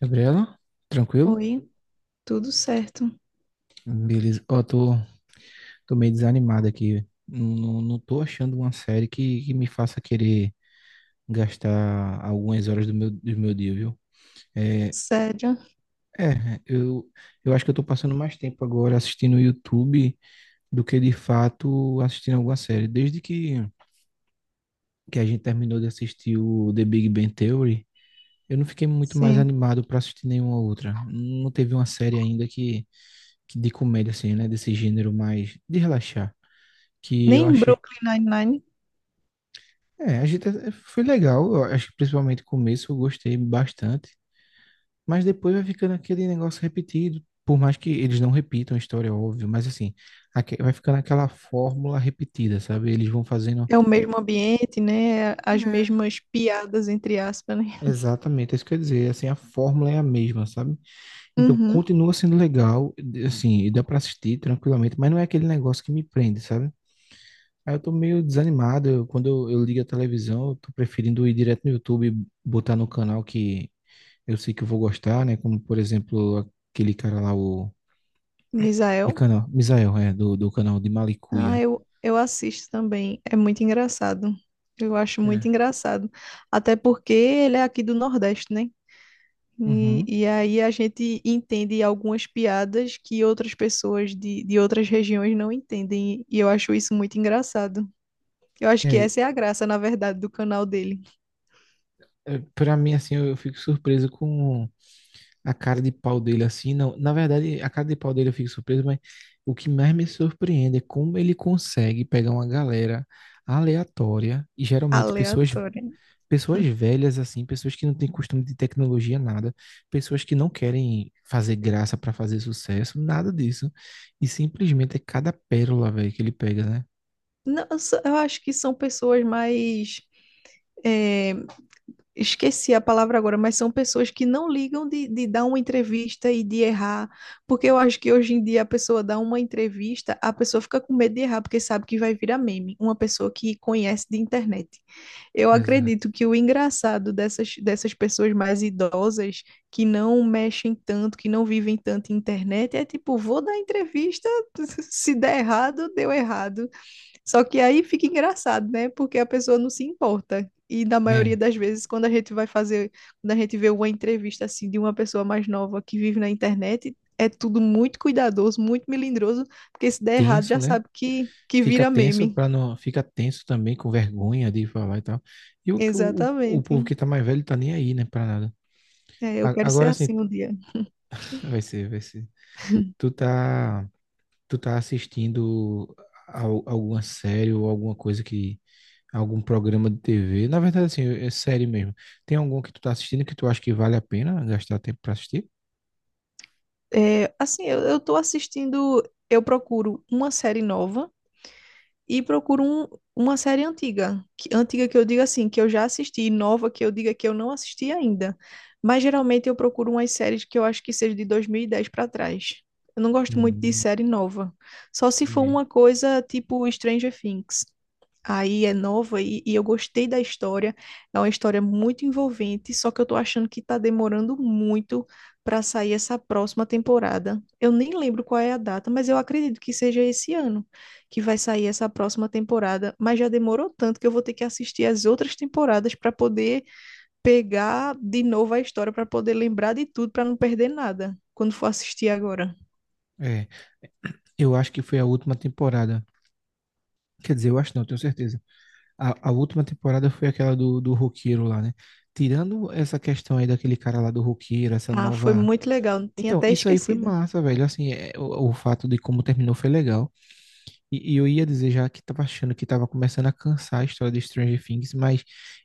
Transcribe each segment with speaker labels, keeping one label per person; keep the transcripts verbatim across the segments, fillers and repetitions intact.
Speaker 1: Gabriela, tranquilo?
Speaker 2: Oi, tudo certo.
Speaker 1: Beleza. Ó, tô, tô meio desanimado aqui. Não, não, não tô achando uma série que, que me faça querer gastar algumas horas do meu, do meu dia, viu? É,
Speaker 2: Sério,
Speaker 1: é eu, eu acho que eu tô passando mais tempo agora assistindo o YouTube do que de fato assistindo alguma série. Desde que, que a gente terminou de assistir o The Big Bang Theory, eu não fiquei muito mais
Speaker 2: sim.
Speaker 1: animado pra assistir nenhuma outra. Não teve uma série ainda que, que de comédia, assim, né? Desse gênero mais de relaxar que eu
Speaker 2: Nem
Speaker 1: achei.
Speaker 2: Brooklyn Nine-Nine
Speaker 1: É, a gente até- foi legal. Eu acho que principalmente o começo eu gostei bastante. Mas depois vai ficando aquele negócio repetido. Por mais que eles não repitam a história, óbvio, mas assim, aque- vai ficando aquela fórmula repetida, sabe? Eles vão fazendo.
Speaker 2: é o mesmo ambiente, né? As
Speaker 1: Hum.
Speaker 2: mesmas piadas, entre aspas, né?
Speaker 1: Exatamente, é isso que eu ia dizer. Assim, a fórmula é a mesma, sabe? Então
Speaker 2: Uhum.
Speaker 1: continua sendo legal, e, assim, e dá pra assistir tranquilamente, mas não é aquele negócio que me prende, sabe? Aí eu tô meio desanimado. eu- Quando eu, eu ligo a televisão, eu tô preferindo ir direto no YouTube, botar no canal que eu sei que eu vou gostar, né? Como, por exemplo, aquele cara lá, o, aquele
Speaker 2: Misael.
Speaker 1: canal, Misael, é, do, do canal de
Speaker 2: Ah,
Speaker 1: Malicuia.
Speaker 2: eu, eu assisto também. É muito engraçado. Eu acho muito
Speaker 1: É.
Speaker 2: engraçado. Até porque ele é aqui do Nordeste, né? E,
Speaker 1: Uhum.
Speaker 2: e aí a gente entende algumas piadas que outras pessoas de, de outras regiões não entendem. E eu acho isso muito engraçado. Eu acho
Speaker 1: E
Speaker 2: que
Speaker 1: aí,
Speaker 2: essa é a graça, na verdade, do canal dele.
Speaker 1: é, pra mim, assim, eu, eu fico surpreso com a cara de pau dele, assim, não, na verdade, a cara de pau dele eu fico surpreso, mas o que mais me surpreende é como ele consegue pegar uma galera aleatória, e geralmente pessoas.
Speaker 2: Aleatória.
Speaker 1: Pessoas velhas, assim, pessoas que não têm costume de tecnologia, nada, pessoas que não querem fazer graça pra fazer sucesso, nada disso. E simplesmente é cada pérola, velho, que ele pega, né?
Speaker 2: Não, eu só- eu acho que são pessoas mais. é, Esqueci a palavra agora, mas são pessoas que não ligam de, de dar uma entrevista e de errar. Porque eu acho que hoje em dia a pessoa dá uma entrevista, a pessoa fica com medo de errar, porque sabe que vai virar meme. Uma pessoa que conhece de internet. Eu
Speaker 1: Exato.
Speaker 2: acredito que o engraçado dessas, dessas pessoas mais idosas, que não mexem tanto, que não vivem tanto em internet, é tipo, vou dar entrevista, se der errado, deu errado. Só que aí fica engraçado, né? Porque a pessoa não se importa. E na maioria
Speaker 1: É,
Speaker 2: das vezes, quando a gente vai fazer, quando a gente vê uma entrevista assim de uma pessoa mais nova que vive na internet, é tudo muito cuidadoso, muito melindroso, porque se der errado
Speaker 1: tenso,
Speaker 2: já
Speaker 1: né?
Speaker 2: sabe que, que
Speaker 1: Fica
Speaker 2: vira
Speaker 1: tenso
Speaker 2: meme.
Speaker 1: para não, fica tenso também com vergonha de falar e tal. E o, o, o povo
Speaker 2: Exatamente.
Speaker 1: que tá mais velho tá nem aí, né, pra nada.
Speaker 2: É, eu
Speaker 1: A-
Speaker 2: quero ser
Speaker 1: Agora assim
Speaker 2: assim um dia.
Speaker 1: vai ser, vai ser. Tu tá tu tá assistindo al- alguma série ou alguma coisa que algum programa de T V? Na verdade, assim, é série mesmo. Tem algum que tu tá assistindo que tu acha que vale a pena gastar tempo pra assistir?
Speaker 2: É, assim, eu, eu tô assistindo, eu procuro uma série nova e procuro um- uma série antiga. Que, antiga que eu digo assim, que eu já assisti, e nova que eu diga que eu não assisti ainda. Mas geralmente eu procuro umas séries que eu acho que seja de dois mil e dez para trás. Eu não gosto muito de
Speaker 1: Hum,
Speaker 2: série nova. Só se for
Speaker 1: entendi.
Speaker 2: uma coisa tipo Stranger Things. Aí é nova e, e eu gostei da história. É uma história muito envolvente, só que eu tô achando que tá demorando muito para sair essa próxima temporada. Eu nem lembro qual é a data, mas eu acredito que seja esse ano que vai sair essa próxima temporada. Mas já demorou tanto que eu vou ter que assistir as outras temporadas para poder pegar de novo a história, para poder lembrar de tudo, para não perder nada quando for assistir agora.
Speaker 1: É, eu acho que foi a última temporada. Quer dizer, eu acho não, tenho certeza. A, a última temporada foi aquela do, do roqueiro lá, né? Tirando essa questão aí daquele cara lá do roqueiro, essa
Speaker 2: Ah, foi
Speaker 1: nova.
Speaker 2: muito legal. Tinha
Speaker 1: Então,
Speaker 2: até
Speaker 1: isso aí foi
Speaker 2: esquecido.
Speaker 1: massa, velho. Assim, é, o, o fato de como terminou foi legal. E, e eu ia dizer já que tava achando que tava começando a cansar a história de Stranger Things, mas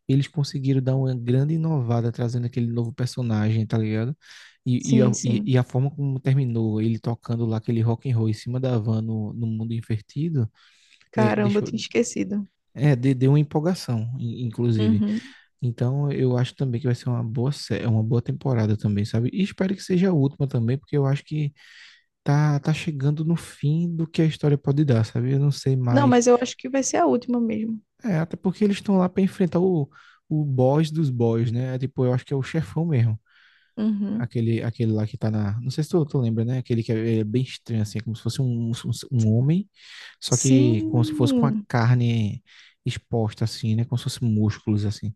Speaker 1: eles conseguiram dar uma grande inovada trazendo aquele novo personagem, tá ligado? E, e,
Speaker 2: Sim,
Speaker 1: a, e-
Speaker 2: sim.
Speaker 1: e a forma como terminou, ele tocando lá aquele rock and roll em cima da van no, no mundo invertido, é,
Speaker 2: Caramba, eu
Speaker 1: deixa
Speaker 2: tinha
Speaker 1: eu-
Speaker 2: esquecido.
Speaker 1: é, de- deu uma empolgação, in- inclusive.
Speaker 2: Uhum.
Speaker 1: Então, eu acho também que vai ser uma boa, sé- é uma boa temporada também, sabe? E espero que seja a última também, porque eu acho que tá, tá chegando no fim do que a história pode dar, sabe? Eu não sei
Speaker 2: Não,
Speaker 1: mais.
Speaker 2: mas eu acho que vai ser a última mesmo.
Speaker 1: É, até porque eles estão lá para enfrentar o, o boss dos boss, né? É, tipo, eu acho que é o chefão mesmo.
Speaker 2: Uhum.
Speaker 1: Aquele, aquele lá que tá na. Não sei se tu, tu lembra, né? Aquele que é, é bem estranho, assim, é como se fosse um, um, um homem, só que como se fosse com a
Speaker 2: Sim.
Speaker 1: carne exposta, assim, né? Como se fosse músculos, assim.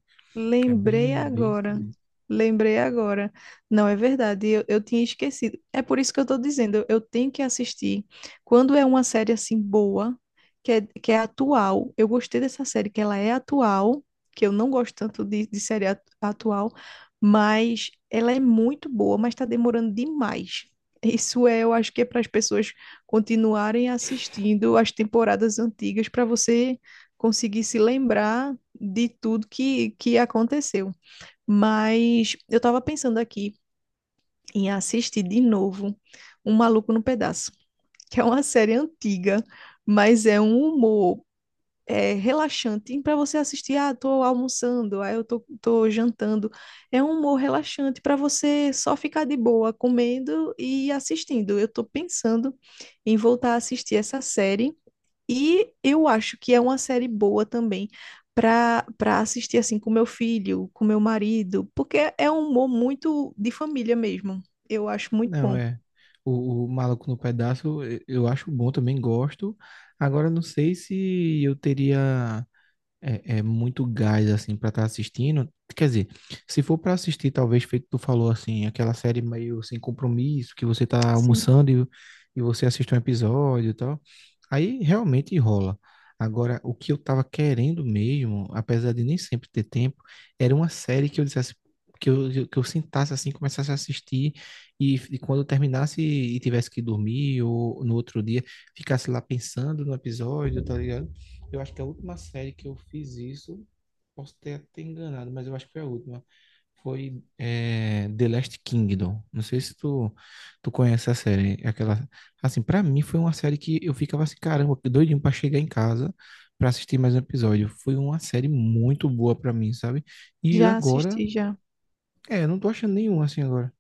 Speaker 1: É
Speaker 2: Lembrei
Speaker 1: bem, bem
Speaker 2: agora.
Speaker 1: esquisito.
Speaker 2: Lembrei agora. Não é verdade, eu, eu tinha esquecido. É por isso que eu estou dizendo, eu, eu tenho que assistir. Quando é uma série assim boa, que é, que é atual, eu gostei dessa série, que ela é atual, que eu não gosto tanto de, de série at- atual, mas ela é muito boa, mas está demorando demais. Isso é, eu acho que é para as pessoas continuarem assistindo as temporadas antigas para você consegui se lembrar de tudo que, que aconteceu. Mas eu estava pensando aqui em assistir de novo Um Maluco no Pedaço, que é uma série antiga, mas é um humor é, relaxante para você assistir. Ah, tô almoçando, ah, eu tô, tô jantando. É um humor relaxante para você só ficar de boa comendo e assistindo. Eu tô pensando em voltar a assistir essa série e eu acho que é uma série boa também para para assistir assim com meu filho, com meu marido, porque é um humor muito de família mesmo. Eu acho muito
Speaker 1: Não,
Speaker 2: bom.
Speaker 1: é. O, o Maluco no Pedaço eu eu acho bom, também gosto. Agora, não sei se eu teria. É, é muito gás, assim, pra estar assistindo. Quer dizer, se for pra assistir, talvez, feito tu falou, assim, aquela série meio sem compromisso, que você tá
Speaker 2: Sim,
Speaker 1: almoçando e, e você assiste um episódio e tal, aí realmente rola. Agora, o que eu tava querendo mesmo, apesar de nem sempre ter tempo, era uma série que eu dissesse, que eu, que eu sentasse, assim, começasse a assistir e, e quando eu terminasse e tivesse que dormir ou no outro dia, ficasse lá pensando no episódio, tá ligado? Eu acho que a última série que eu fiz isso, posso ter até enganado, mas eu acho que foi a última. Foi é, The Last Kingdom. Não sei se tu, tu conhece a série. É aquela, assim, pra mim foi uma série que eu ficava assim, caramba, que doidinho pra chegar em casa pra assistir mais um episódio. Foi uma série muito boa pra mim, sabe? E
Speaker 2: já
Speaker 1: agora,
Speaker 2: assisti já.
Speaker 1: é, eu não tô achando nenhum assim agora.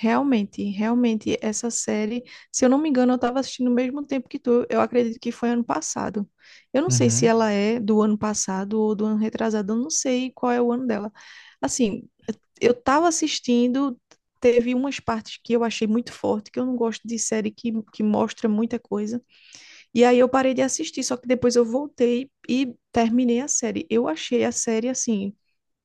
Speaker 2: Realmente, realmente essa série, se eu não me engano, eu estava assistindo no mesmo tempo que tu. Eu acredito que foi ano passado. Eu não sei se
Speaker 1: Uhum.
Speaker 2: ela é do ano passado ou do ano retrasado, eu não sei qual é o ano dela. Assim, eu tava assistindo, teve umas partes que eu achei muito forte, que eu não gosto de série que, que mostra muita coisa. E aí eu parei de assistir, só que depois eu voltei e terminei a série. Eu achei a série assim.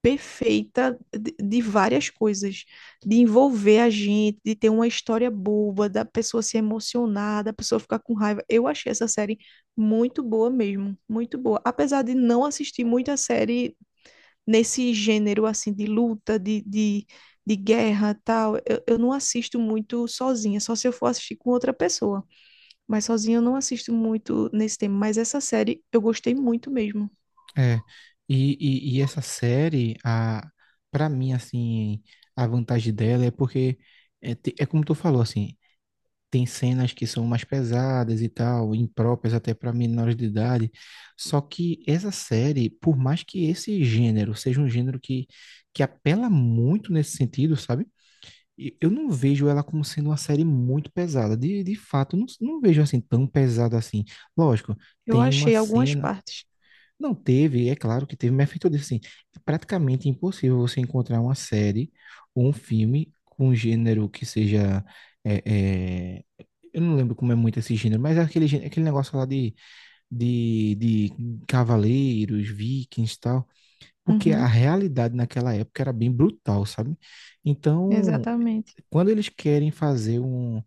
Speaker 2: Perfeita de, de várias coisas, de envolver a gente, de ter uma história boa, da pessoa se emocionar, da pessoa ficar com raiva. Eu achei essa série muito boa mesmo, muito boa. Apesar de não assistir muita série nesse gênero assim de luta, de, de, de guerra, tal, eu, eu não assisto muito sozinha, só se eu for assistir com outra pessoa. Mas sozinha eu não assisto muito nesse tema, mas essa série eu gostei muito mesmo.
Speaker 1: É, e, e, e essa série, a, pra mim, assim, a vantagem dela é porque, é, te- é como tu falou, assim, tem cenas que são mais pesadas e tal, impróprias até para menores de idade, só que essa série, por mais que esse gênero seja um gênero que, que apela muito nesse sentido, sabe? E eu não vejo ela como sendo uma série muito pesada, de, de fato, eu não, não vejo assim tão pesada assim. Lógico,
Speaker 2: Eu
Speaker 1: tem uma
Speaker 2: achei algumas
Speaker 1: cena.
Speaker 2: partes.
Speaker 1: Não teve, é claro que teve, mas é feito disso assim. É praticamente impossível você encontrar uma série ou um filme com um gênero que seja. é, é, eu não lembro como é muito esse gênero, mas é aquele, gê- aquele negócio lá de, de, de cavaleiros, vikings e tal. Porque a
Speaker 2: Uhum,
Speaker 1: realidade naquela época era bem brutal, sabe? Então,
Speaker 2: exatamente.
Speaker 1: quando eles querem fazer um,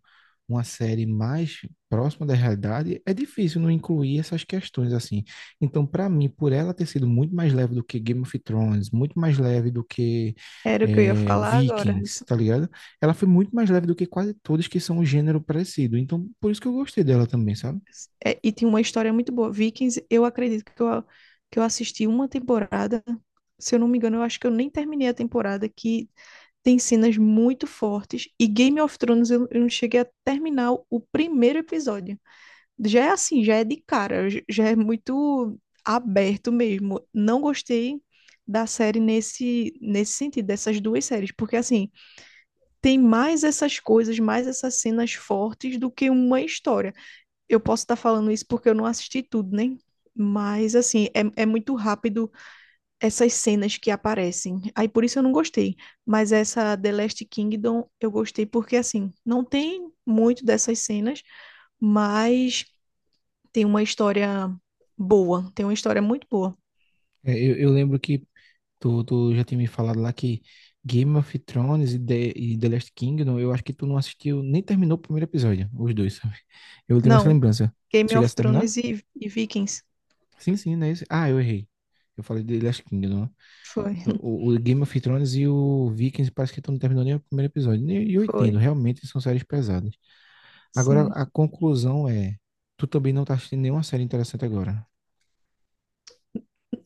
Speaker 1: uma série mais próxima da realidade, é difícil não incluir essas questões assim. Então, para mim, por ela ter sido muito mais leve do que Game of Thrones, muito mais leve do que
Speaker 2: Era o que eu ia
Speaker 1: eh,
Speaker 2: falar agora.
Speaker 1: Vikings, tá ligado? Ela foi muito mais leve do que quase todas que são um gênero parecido. Então, por isso que eu gostei dela também, sabe?
Speaker 2: É, e tinha uma história muito boa. Vikings, eu acredito que eu, que eu assisti uma temporada. Se eu não me engano, eu acho que eu nem terminei a temporada, que tem cenas muito fortes. E Game of Thrones, eu, eu não cheguei a terminar o primeiro episódio. Já é assim, já é de cara, j- já é muito aberto mesmo. Não gostei da série nesse, nesse sentido, dessas duas séries, porque assim, tem mais essas coisas, mais essas cenas fortes do que uma história eu posso estar falando isso porque eu não assisti tudo, né? Mas, assim, é, é muito rápido essas cenas que aparecem. Aí, por isso eu não gostei. Mas essa The Last Kingdom eu gostei porque, assim, não tem muito dessas cenas, mas tem uma história boa. Tem uma história muito boa.
Speaker 1: É, Eu, eu lembro que Tu, tu já tinha me falado lá que Game of Thrones e The, e The Last Kingdom, eu acho que tu não assistiu, nem terminou o primeiro episódio, os dois, sabe? Eu tenho essa
Speaker 2: Não,
Speaker 1: lembrança.
Speaker 2: Game of
Speaker 1: Chegasse a terminar?
Speaker 2: Thrones e, e Vikings.
Speaker 1: Sim, sim, não é isso? Ah, eu errei. Eu falei The Last Kingdom, né?
Speaker 2: Foi,
Speaker 1: O, o- o Game of Thrones e o Vikings parece que tu não terminou nem o primeiro episódio. E eu entendo,
Speaker 2: foi.
Speaker 1: realmente são séries pesadas. Agora,
Speaker 2: Sim.
Speaker 1: a conclusão é, tu também não tá assistindo nenhuma série interessante agora.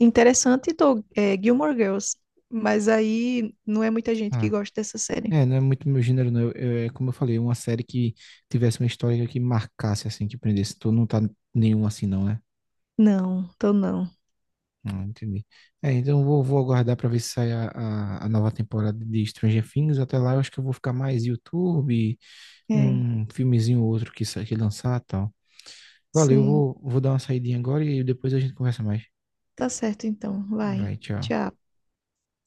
Speaker 2: Interessante, tô, é, Gilmore Girls. Mas aí não é muita gente que
Speaker 1: Ah,
Speaker 2: gosta dessa série.
Speaker 1: é, não é muito meu gênero, não. Eu- eu- É, como eu falei, uma série que tivesse uma história que marcasse, assim, que prendesse. Tu não tá nenhum assim, não, né?
Speaker 2: Não, tô não.
Speaker 1: Ah, entendi. É, então eu vou, vou aguardar pra ver se sai a, a, a nova temporada de Stranger Things. Até lá eu acho que eu vou ficar mais YouTube,
Speaker 2: É,
Speaker 1: um filmezinho ou outro que, sa- que lançar e tal. Valeu, eu
Speaker 2: sim.
Speaker 1: vou, vou dar uma saidinha agora e depois a gente conversa mais.
Speaker 2: Tá certo então. Vai.
Speaker 1: Vai, tchau.
Speaker 2: Tchau.